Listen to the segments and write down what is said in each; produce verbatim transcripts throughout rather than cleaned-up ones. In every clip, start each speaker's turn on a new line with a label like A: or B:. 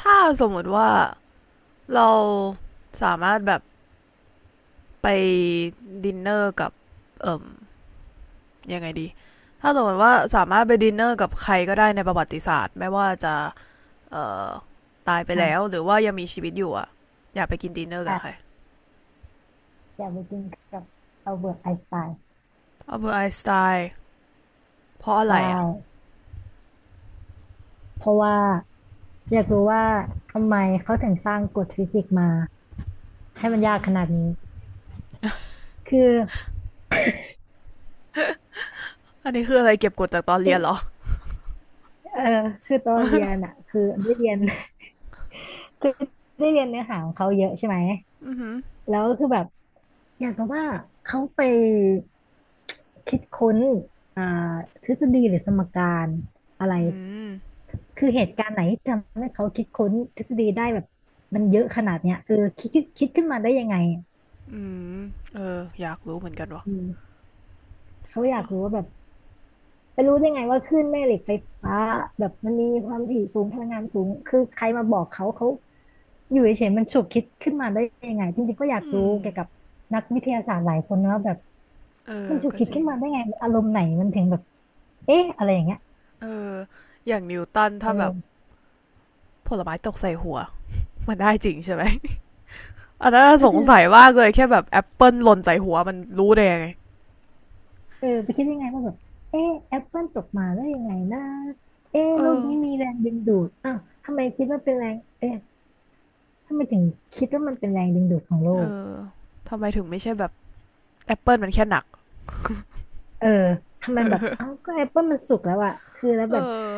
A: ถ้าสมมติว่าเราสามารถแบบไปดินเนอร์กับเอ่อยังไงดี ถ้าสมมติว่าสามารถไปดินเนอร์กับใครก็ได้ในประวัติศาสตร์ไม่ว่าจะเอ่อตายไปแล้ว
B: อ่ะ
A: หรือว่ายังมีชีวิตอยู่อะอยากไปกินดินเนอร์กับใคร
B: อ่ะอยากไปกินกับอัลเบิร์ตไอน์สไตน์
A: อัลเบอร์ตไอน์สไตน์เพราะอะ
B: ใช่
A: ไรอะ
B: เพราะว่าอยากรู้ว่าทำไมเขาถึงสร้างกฎฟิสิกส์มาให้มันยากขนาดนี้คือ
A: อันนี้คืออะไรเก็บกดจากตอน
B: คื
A: เรี
B: อ
A: ยนเหรอ
B: เออคือตอนเรียนอ่ะคือได้เรียน คือได้เรียนเนื้อหาของเขาเยอะใช่ไหม
A: ืม
B: แล้วคือแบบอยากรู้ว่าเขาไปคิดค้นอ่าทฤษฎีหรือสมการอะไร
A: อืม
B: คือเหตุการณ์ไหนที่ทำให้เขาคิดค้นทฤษฎีได้แบบมันเยอะขนาดเนี้ยเออคิดคิดคิดขึ้นมาได้ยังไง
A: อืมเอออยากรู้เหมือนกันวะ
B: อืมเขาอยา
A: เน
B: ก
A: อะ
B: รู้ว่าแบบไปรู้ได้ไงว่าคลื่นแม่เหล็กไฟฟ้าแบบมันมีความถี่สูงพลังงานสูงคือใครมาบอกเขาเขาอยู่เฉยๆมันฉุกคิดขึ้นมาได้ยังไงจริงๆก็อยาก
A: อื
B: รู้
A: ม
B: เกี่ยวกับนักวิทยาศาสตร์หลายคนนะว่าแบบ
A: เออ
B: มันฉุก
A: ก็
B: คิด
A: จริ
B: ขึ้น
A: ง
B: มาได้ไงอารมณ์ไหนมันถึงแบบเอ๊ะอะไรอย่างเงี้ย
A: เอออย่างนิวตันถ้าแบบ
B: เออ
A: ผลไม้ตกใส่หัว มันได้จริงใช่ไหมอันนั้น
B: ก็
A: สง
B: คือ
A: สัยมากเลยแค่แบบแอปเปิลหล่นใส่หัวมันรู้ได้ยังไง
B: เออไปคิดได้ไงว่าแบบเอ๊ะแอปเปิลตกมาได้ยังไงนะเอ๊ะ
A: เอ
B: โลก
A: อ
B: นี้มีแรงดึงดูดอ้าวทำไมคิดว่าเป็นแรงเอ๊ะทำไมถึงคิดว่ามันเป็นแรงดึงดูดของโล
A: เอ
B: ก
A: อ ทำไมถึงไม่ใช่แบบแอปเปิลมันแค่หนัก
B: เออทำ
A: เ
B: ไมแบบ
A: ออ
B: เอ้าก็แอปเปิลมันสุกแล้วอะคือแล้ว
A: เอ
B: แบบ
A: อ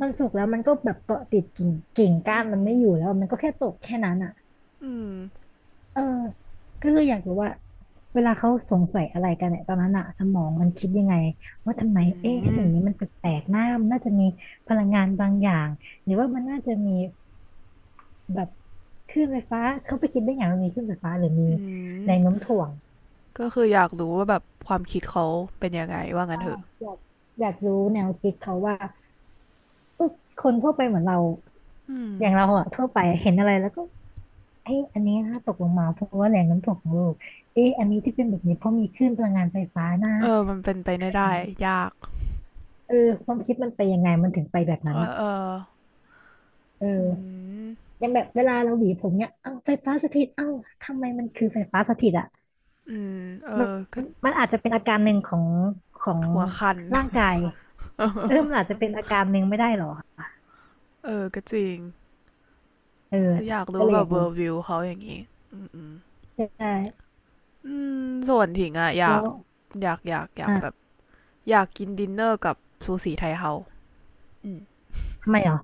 B: มันสุกแล้วมันก็แบบเกาะติดกิ่งกิ่งก้า
A: อื
B: นมัน
A: ม
B: ไม่อยู่แล้วมันก็แค่ตกแค่นั้นอะ
A: อืม
B: เออก็เลยอยากรู้ว่าเวลาเขาสงสัยอะไรกันเนี่ยตอนนั้นอะสมองมันคิดยังไงว่าทำไม
A: อื
B: เอ๊ะ
A: ม
B: สิ่งนี้มันแปลกๆน้ามันน่าจะมีพลังงานบางอย่างหรือว่ามันน่าจะมีแบบคลื่นไฟฟ้าเขาไปคิดได้อย่างว่ามีคลื่นไฟฟ้าหรือมี
A: อืม
B: แรงโน้มถ่วง
A: ก็คืออยากรู้ว่าแบบความคิดเขาเป็นยังไงว่างั้น
B: ใช่
A: เถอะ
B: อยากอยากรู้แนวคิดเขาว่าเออคนทั่วไปเหมือนเรา
A: อืม
B: อย่างเราอะทั่วไปเห็นอะไรแล้วก็เอ้ยอันนี้น่าตกลงมาเพราะว่าแรงน้ำถ่ของโลกเอ้ยอันนี้ที่เป็นแบบนี้เพราะมีคลื่นพลังงานไฟฟ้านะ
A: เออมันเป็นไปไม่ได้
B: อืม
A: ยาก
B: เออความคิดมันไปยังไงมันถึงไปแบบ
A: เอ
B: นั้น
A: อ
B: อะ
A: เออ
B: เอ
A: อื
B: อ
A: ม
B: อย่างแบบเวลาเราหวีผมเนี่ยเอ้าไฟฟ้าสถิตเอ้าทำไมมันคือไฟฟ้าสถิตอะ
A: อืมเอ
B: มัน
A: อก็
B: มันอาจจะเป็นอาการหนึ่งของของ
A: หัวคัน
B: ร่างกายเออมันอาจจะ เป็นอาการหนึ่งไม่ได้หรอ
A: เออก็จริง
B: เออ
A: คืออยาก
B: ก็
A: รู้
B: เล
A: ว่า
B: ย
A: แบ
B: อ
A: บ
B: ยาก
A: เวอ
B: รู้
A: ร์วิวเขาอย่างนี้อืม
B: ใช่
A: อืมส่วนถิงอะอ
B: แล้
A: ยาก
B: ว
A: อยากอยากอยากแบบ
B: อ่ะ
A: อยากกินดินเนอร์กับซูสีไทเฮาอืม
B: ทำไมหรอ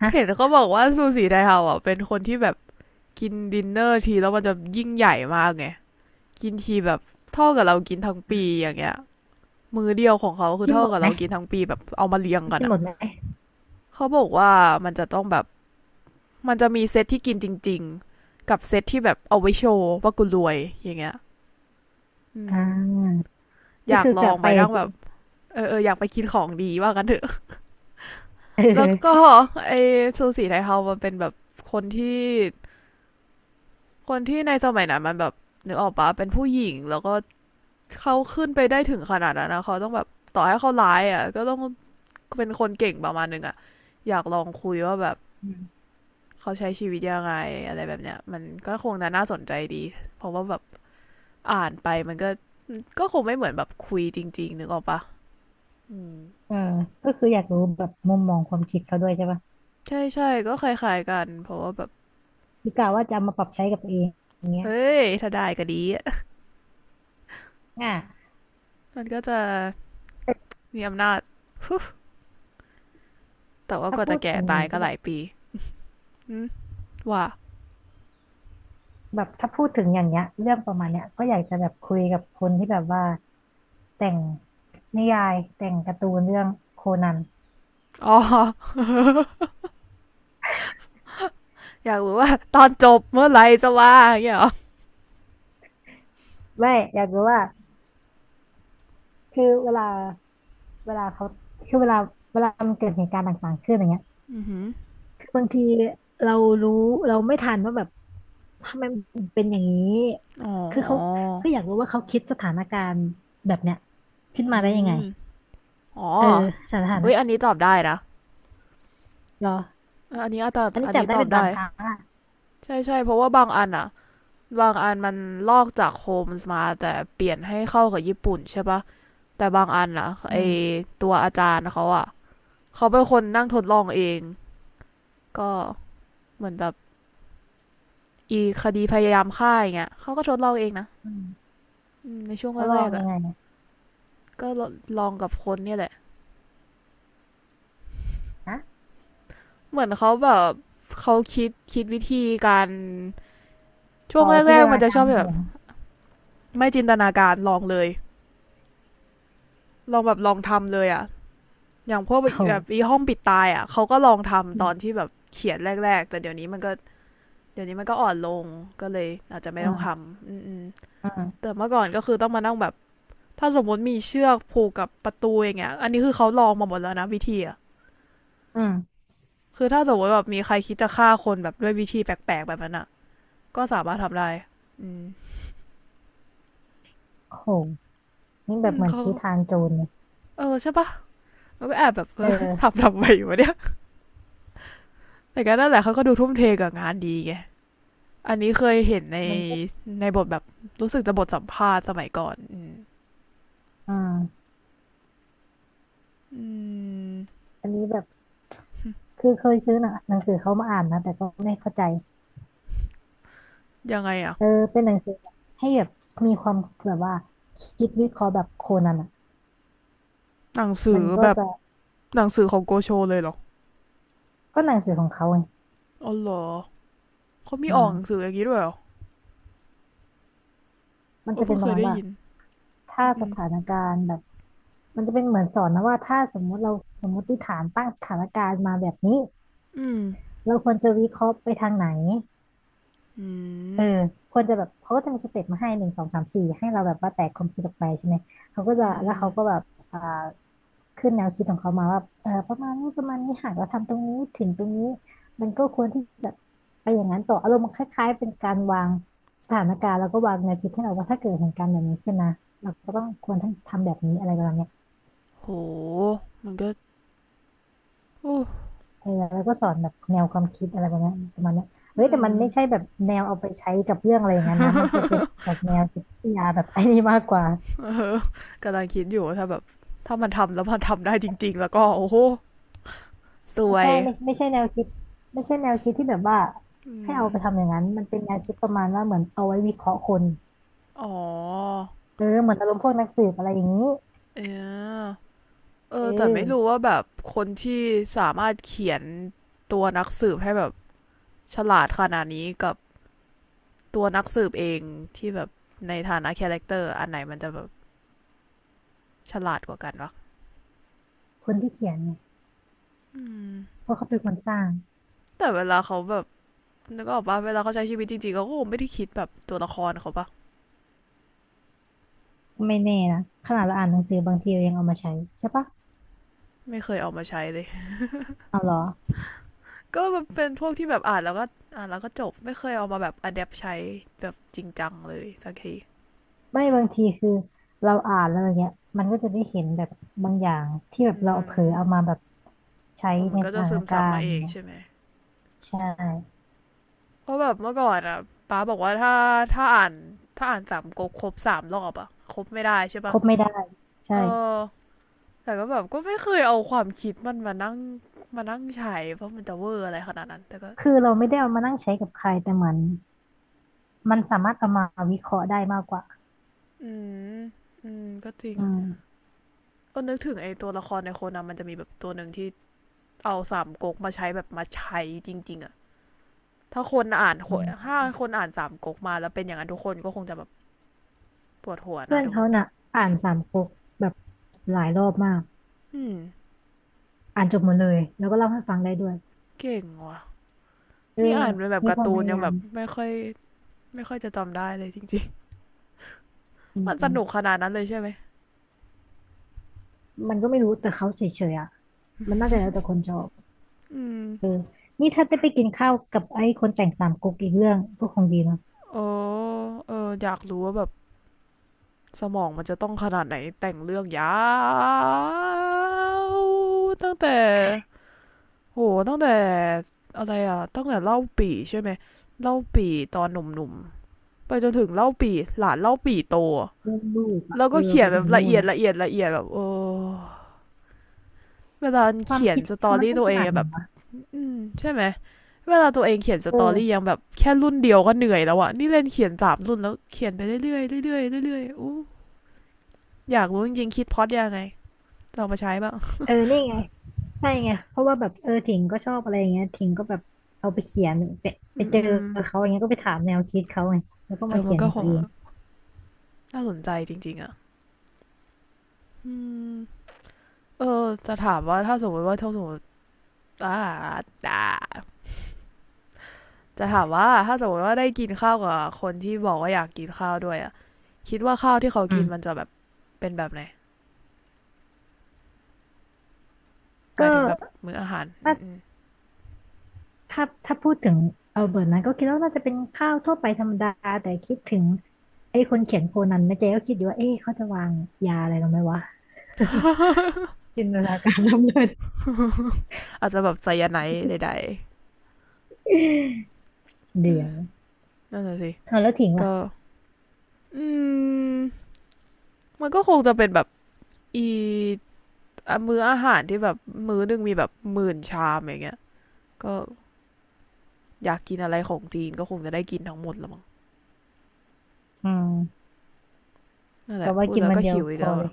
B: ฮะ
A: เห็นเขาบอกว่าซูสีไทเฮาอะเป็นคนที่แบบกินดินเนอร์ทีแล้วมันจะยิ่งใหญ่มากไงกินทีแบบเท่ากับเรากินทั้งปีอย่างเงี้ยมือเดียวของเขาคือ
B: กิน
A: เท่า
B: หมด
A: กับ
B: ไหม
A: เรากินทั้งปีแบบเอามาเรียงกัน
B: กินห
A: อะ
B: มดไหม
A: เขาบอกว่ามันจะต้องแบบมันจะมีเซตที่กินจริงๆกับเซตที่แบบเอาไว้โชว์ว่ากูรวยอย่างเงี้ยอื
B: อ่
A: ม
B: า
A: อ
B: ก็
A: ยาก
B: คือ
A: ล
B: ก
A: อ
B: ลั
A: ง
B: บ
A: ไป
B: ไป
A: นั่
B: อะ
A: งแบบเออเอออยากไปกินของดีว่ากันเถอะ
B: เ
A: แล้วก็
B: ออ
A: ไอซูสีไทเฮามันเป็นแบบคนที่คนที่ในสมัยนั้นมันแบบนึกออกปะเป็นผู้หญิงแล้วก็เขาขึ้นไปได้ถึงขนาดนั้นนะเขาต้องแบบต่อให้เขาร้ายอ่ะก็ต้องเป็นคนเก่งประมาณนึงอ่ะอยากลองคุยว่าแบบ
B: อืม
A: เขาใช้ชีวิตยังไงอะไรแบบเนี้ยมันก็คงน่าน่าสนใจดีเพราะว่าแบบอ่านไปมันก็ก็คงไม่เหมือนแบบคุยจริงๆนึกออกปะอืม
B: เออก็คืออยากรู้แบบมุมมองความคิดเขาด้วยใช่ป่ะ
A: ใช่ใช่ก็คล้ายๆกันเพราะว่าแบบ
B: คือกะว่าจะเอามาปรับใช้กับตัวเองอย่างเงี้
A: เอ
B: ย
A: ้ยถ้าได้ก็ดีอะ
B: อ่ะ
A: มันก็จะ มีอำนาจ แต่ว่า
B: ถ้า
A: ก็
B: พู
A: จะ
B: ด
A: แก่
B: ถึงอย่า
A: ตา
B: ง
A: ย
B: นี้
A: ก็
B: ก็
A: ห
B: แบ
A: ลา
B: บ
A: ยปีว่า
B: แบบถ้าพูดถึงอย่างเงี้ยเรื่องประมาณเนี้ยก็อยากจะแบบคุยกับคนที่แบบว่าแต่งนิยายแต่งการ์ตูนเรื่องโคนัน
A: อ๋อ อยากรู้ว่าตอนจบเมื่อไหร่จะว่าอย่างเงี้ยเหรอ
B: ไม่อยากรู้ว่าคือเวลาเวลาเขาคือเวลาเวลามันเกิดเหตุการณ์ต่างๆขึ้นอย่างเงี้ย บางทีเรารู้เราไม่ทันว่าแบบทำไมมันถึงเป็นอย่างนี้
A: อ๋อ
B: คือเขาคืออยากรู้ว่าเขาคิดสถานการณ์แบบเนี้ยขึ้น
A: อื
B: มาได้ยังไง
A: มอ๋อ
B: เออสถา
A: เว้ยอัน
B: นะ
A: นี้ตอบได้นะ
B: เหรอ
A: ออันนี้อาจจะ
B: อันนี้
A: อัน
B: จับ
A: นี้
B: ได้
A: ตอบ
B: เป็นบา
A: ได้
B: งครั้งอ่ะ
A: ใช่ใช่เพราะว่าบางอันอะบางอันมันลอกจากโฮมส์มาแต่เปลี่ยนให้เข้ากับญี่ปุ่นใช่ปะแต่บางอันอะ
B: อื
A: ไอ
B: ม
A: ตัวอาจารย์เขาอะเขาเป็นคนนั่งทดลองเองก็เหมือนแบบอีคดีพยายามฆ่าอย่างเงี้ยเขาก็ทดลองเองนะ
B: อืม
A: อืมในช่วง
B: เขาลอ
A: แร
B: ง
A: กๆ
B: ยั
A: อ่ะ
B: งไงเนี่ย
A: ก็ลองกับคนเนี่ยแหละ
B: นะ
A: เหมือนเขาแบบเขาคิดคิดวิธีการช่ว
B: อ๋
A: ง
B: อจิ
A: แร
B: นต
A: กๆมั
B: นา
A: นจะ
B: กา
A: ช
B: ร
A: อบ
B: ใน
A: แบ
B: หั
A: บ
B: ว
A: ไม่จินตนาการลองเลยลองแบบลองทำเลยอ่ะอย่างพวกแ
B: โอ้โห
A: บบอีห้องปิดตายอ่ะเขาก็ลอง
B: อื
A: ทำตอน
B: ม
A: ที่แบบเขียนแรกๆแต่เดี๋ยวนี้มันก็เดี๋ยวนี้มันก็อ่อนลงก็เลยอาจจะไม่
B: อื
A: ต้องท
B: ม
A: ำอืม
B: อืม
A: แต่เมื่อก่อนก็คือต้องมานั่งแบบถ้าสมมติมีเชือกผูกกับประตูอย่างเงี้ยอันนี้คือเขาลองมาหมดแล้วนะวิธีอ่ะ
B: อืม
A: คือถ้าสมมติแบบมีใครคิดจะฆ่าคนแบบด้วยวิธีแปลกๆแบบนั้นอะ ก็สามารถทำได้อืม
B: โอ้โหนี่แบ
A: อื
B: บ
A: ม
B: เหมือน
A: เขา
B: ชี้ทางโจรเลย
A: เออใช่ปะมันก็แอบแบบเอ
B: เ
A: อ
B: ออ
A: ทำทำไปอยู่วะเนี่ยแต่ก็นั่นแหละเขาก็ดูทุ่มเทกับงานดีไง อันนี้เคยเห็นใน
B: มันก็
A: ในบทแบบ รู้สึกจะบทสัมภาษณ์สมัยก่อน อืม
B: อืม
A: อ
B: อันนี้แบบคือเคยซื้อหนังหนังสือเขามาอ่านนะแต่ก็ไม่เข้าใจ
A: ยังไงอะ
B: เออเป็นหนังสือแบบให้แบบมีความแบบว่าคิดวิเคราะห์แบบโคนันอ่ะ
A: หนังสื
B: มั
A: อ
B: นก็
A: แบบ
B: จะ
A: หนังสือของโกโชเลยเหรอ
B: ก็หนังสือของเขาไง
A: อ๋อเหรอเขามีออกหนัง
B: อ่า
A: สืออย่างนี้ด้วยเหรอ
B: มัน
A: โอ้
B: จะ
A: เพิ่
B: เป็น
A: ง
B: ป
A: เค
B: ระ
A: ย
B: มาณ
A: ได้
B: ว่า
A: ยิน
B: ถ้า
A: อื
B: สถานการณ์แบบมันจะเป็นเหมือนสอนนะว่าถ้าสมมุติเราสมมติฐานตั้งสถานการณ์มาแบบนี้
A: อืม
B: เราควรจะวิเคราะห์ไปทางไหน
A: อื
B: เออ
A: ม
B: ควรจะแบบเขาก็จะมีสเต็ปมาให้หนึ่งสองสามสี่ให้เราแบบว่าแตกความคิดออกไปใช่ไหมเขาก็
A: อืม
B: จะ
A: อื
B: แล้ว
A: ม
B: เขาก็แบบอ่าขึ้นแนวคิดของเขามาว่าเออประมาณนี้ประมาณนี้หากเราทำตรงนี้ถึงตรงนี้มันก็ควรที่จะไปอย่างนั้นต่ออารมณ์คล้ายๆเป็นการวางสถานการณ์แล้วก็วางแนวคิดให้เราว่าถ้าเกิดเหตุการณ์แบบนี้ขึ้นนะเราก็ต้องควรทำทำแบบนี้อะไรประมาณเนี้ย
A: โหมันก็โอ้
B: เออแล้วก็สอนแบบแนวความคิดอะไรประมาณเนี้ยประมาณเนี้ยเฮ้ย
A: อื
B: แต่
A: ม
B: มันไม่ใช่แบบแนวเอาไปใช้กับเรื่องอะไรอย่างนั้นนะมันจะเป็นออกแนวจิตวิทยาแบบไอ้นี่มากกว่า
A: กำลังคิดอยู่ว่าถ้าแบบถ้ามันทำแล้วมันทำได้จริงๆแล้วก็โอ้โหสว
B: ไม่
A: ย
B: ใช่ไม่ใช่ไม่ใช่แนวคิดไม่ใช่แนวคิดที่แบบว่า
A: อื
B: ให้เอาไปทำ
A: ม
B: อย่างนั้นมันเป็นแนวคิดประมาณว่าเหมือนเอาไว้วิเคราะห์คน
A: อ๋อ
B: เออเหมือนอารมณ์พวกนักสืบอะไรอย่างนี้
A: เออเอ
B: เอ
A: อแต่
B: อ
A: ไม่รู้ว่าแบบคนที่สามารถเขียนตัวนักสืบให้แบบฉลาดขนาดนี้กับตัวนักสืบเองที่แบบในฐานะคาแรคเตอร์อันไหนมันจะแบบฉลาดกว่ากันวะ
B: คนที่เขียนเนี่ย
A: อืม
B: เพราะเขาเป็นคนสร้าง
A: แต่เวลาเขาแบบนึกออกปะเวลาเขาใช้ชีวิตจริงๆเขาก็คงไม่ได้คิดแบบตัวละครเขาปะ
B: ไม่แน่นะขนาดเราอ่านหนังสือบางทีเรายังเอามาใช้ใช่ปะ
A: ไม่เคยเอามาใช้เลย
B: เอาเหรอ
A: ก็แบบเป็นพวกที่แบบอ่านแล้วก็อ่านแล้วก็จบไม่เคยเอามาแบบอัดแอปใช้แบบจริงจังเลยสักที
B: ไม่บางทีคือเราอ่านแล้วอย่างเงี้ยมันก็จะได้เห็นแบบบางอย่างที่แบบเรา
A: มัน
B: เผลอเอามาแบบใช้
A: มั
B: ใน
A: นก็
B: ส
A: จะ
B: ถา
A: ซึ
B: น
A: ม
B: กา
A: ซับ
B: ร
A: มา
B: ณ์
A: เอ
B: อย่าง
A: ง
B: เงี้ย
A: ใช่ไหม
B: ใช่
A: เพราะแบบเมื่อก่อนอ่ะป้าบอกว่าถ้าถ้าอ่านถ้าอ่านสามก๊กครบสามรอบอ่ะครบไม่ได้ใช่
B: ค
A: ปะ
B: รบไม่ได้ใช่
A: เออแต่ก็แบบก็ไม่เคยเอาความคิดมันมานั่งมานั่งใช้เพราะมันจะเวอร์อะไรขนาดนั้นแต่ก็
B: คือเราไม่ได้เอามานั่งใช้กับใครแต่เหมือน มันสามารถเอามาวิเคราะห์ได้มากกว่า
A: อืมอืมก็จริง
B: อืม
A: ก็นึกถึงไอ้ตัวละครในโคนันมันจะมีแบบตัวหนึ่งที่เอาสามก๊กมาใช้แบบมาใช้จริงๆอะ ถ้าคนอ่าน
B: อืม
A: ถ้าคนอ่านสามก๊กมาแล้วเป็นอย่างนั้นทุกคนก็คงจะแบบปวดหัว
B: เพื่
A: นะ
B: อน
A: ดู
B: เขาน่ะอ่านสามก๊กแบบหลายรอบมาก
A: อืม
B: อ่านจบหมดเลยแล้วก็เล่าให้ฟังได้ด้วย
A: เก่งว่ะ
B: เออ
A: นี่อ่านเป็นแบบ
B: มี
A: กา
B: ค
A: ร์
B: วาม
A: ตู
B: พ
A: น
B: ยา
A: ยัง
B: ยา
A: แบ
B: ม
A: บไม่ค่อยไม่ค่อยจะจำได้เลยจริงๆ
B: อื
A: มันสนุกข
B: ม
A: นาดนั้นเลยใช่ไหม
B: มันก็ไม่รู้แต่เขาเฉยๆอ่ะมันน่าจะแล้วแต่คนชอบ
A: อืม
B: เออนี่ถ้าได้ไปกินข้าวกับไอ้คนแต่งสามก๊กอีกเรื่องก็คงดีเนาะ
A: โอ้เอออยากรู้ว่าแบบสมองมันจะต้องขนาดไหนแต่งเรื่องยาวตั้งแต่โหตั้งแต่อะไรอ่ะตั้งแต่เล่าปีใช่ไหมเล่าปีตอนหนุ่มๆไปจนถึงเล่าปีหลานเล่าปีโต
B: เรื่องลูกอ่ะ
A: แล้ว
B: เอ
A: ก็
B: อ
A: เขีย
B: ไป
A: นแบ
B: ถึ
A: บ
B: ง
A: ละ
B: นู่
A: เอี
B: น
A: ยด
B: อ่ะ
A: ละเอียดละเอียดแบบโอ้เวลา
B: ความ
A: เขียน
B: คิด
A: สตอ
B: เขามัน
A: รี่
B: ต้อง
A: ตัว
B: ข
A: เอง
B: นาด
A: อะ
B: ไห
A: แบ
B: น
A: บ
B: วะ
A: อืมใช่ไหมเวลาตัวเองเขียนส
B: เอ
A: ตอรี่ยั
B: อ
A: งแบบแค่รุ่นเดียวก็เหนื่อยแล้วอะนี่เล่นเขียนสามรุ่นแล้วเขียนไปเรื่อยเรื่อยเรื่อยเรื่อยอู้อยากรู้จริงๆคิดพอดยังไงลองมาใช้บ้าง
B: เออนี่ไงใช่ไง เพราะว่าแบบเออถิงก็ชอบอะไรอย่างเงี้ยถิงก็แบบเอาไปเขียนไปไป
A: อื
B: เจอ
A: ม
B: เขาอย่างเงี้ยก็ไปถามแนวคิดเขาไงแล้วก็
A: เอ
B: มา
A: อมั
B: เขี
A: น
B: ยน
A: ก็
B: ของ
A: ค
B: ตัว
A: ง
B: เอง
A: น่าสนใจจริงๆอะอืมเออจะถามว่าถ้าสมมติว่าถ้าสมมติอ่าจะถามว่าถ้าสมมติว่าได้กินข้าวกับคนที่บอกว่าอยากกินข้าวด้วยอะคิดว่าข้าวที่เขา
B: อื
A: กิน
B: ม
A: มันจะแบบ เป็นแบบไหนห
B: ก็
A: มายถึงแบบมื้ออาหาร
B: ถ้า
A: อ
B: ถ้าถ้าพูดถึงเอาเบิร์ตนะก็คิดว่าน่าจะเป็นข้าวทั่วไปธรรมดาแต่คิดถึงไอ้คนเขียนโคนันนะเจ๊ก็คิดอยู่ว่าเอ๊ะเขาจะวางยาอะไรลงไหมวะ จินตนาการล้ำเลิศ
A: อาจจะแบบไซยาไนด์ใด
B: เดี๋
A: ๆ
B: ยว
A: นั่นน่ะสิ
B: เอาแล้วถิงล่ะ
A: ก็อืมมันก็คงจะเป็นแบบอีมื้ออาหารที่แบบมื้อหนึงมีแบบหมื่นชามอย่างเงี้ยก็อยากกินอะไรของจีนก็คงจะได้กินทั้งหมดละมั้ง
B: อืม
A: นั่นแห
B: ก็
A: ละ
B: ว่า
A: พูด
B: กิน
A: แล้ว
B: วัน
A: ก็
B: เดียว
A: หิวอี
B: พ
A: ก
B: อ
A: แล้ว
B: เล
A: อ่ะ
B: ย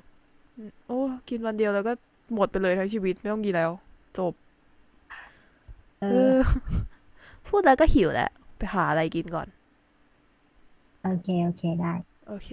A: โอ้กินวันเดียวแล้วก็หมดไปเลยทั้งชีวิตไม่ต้องกินแล้วจบ
B: เอ
A: เอ
B: อ
A: อพูดแล้วก็หิวแล้วไปหาอะไรกินก่อน
B: โอเคโอเคได้
A: โอเค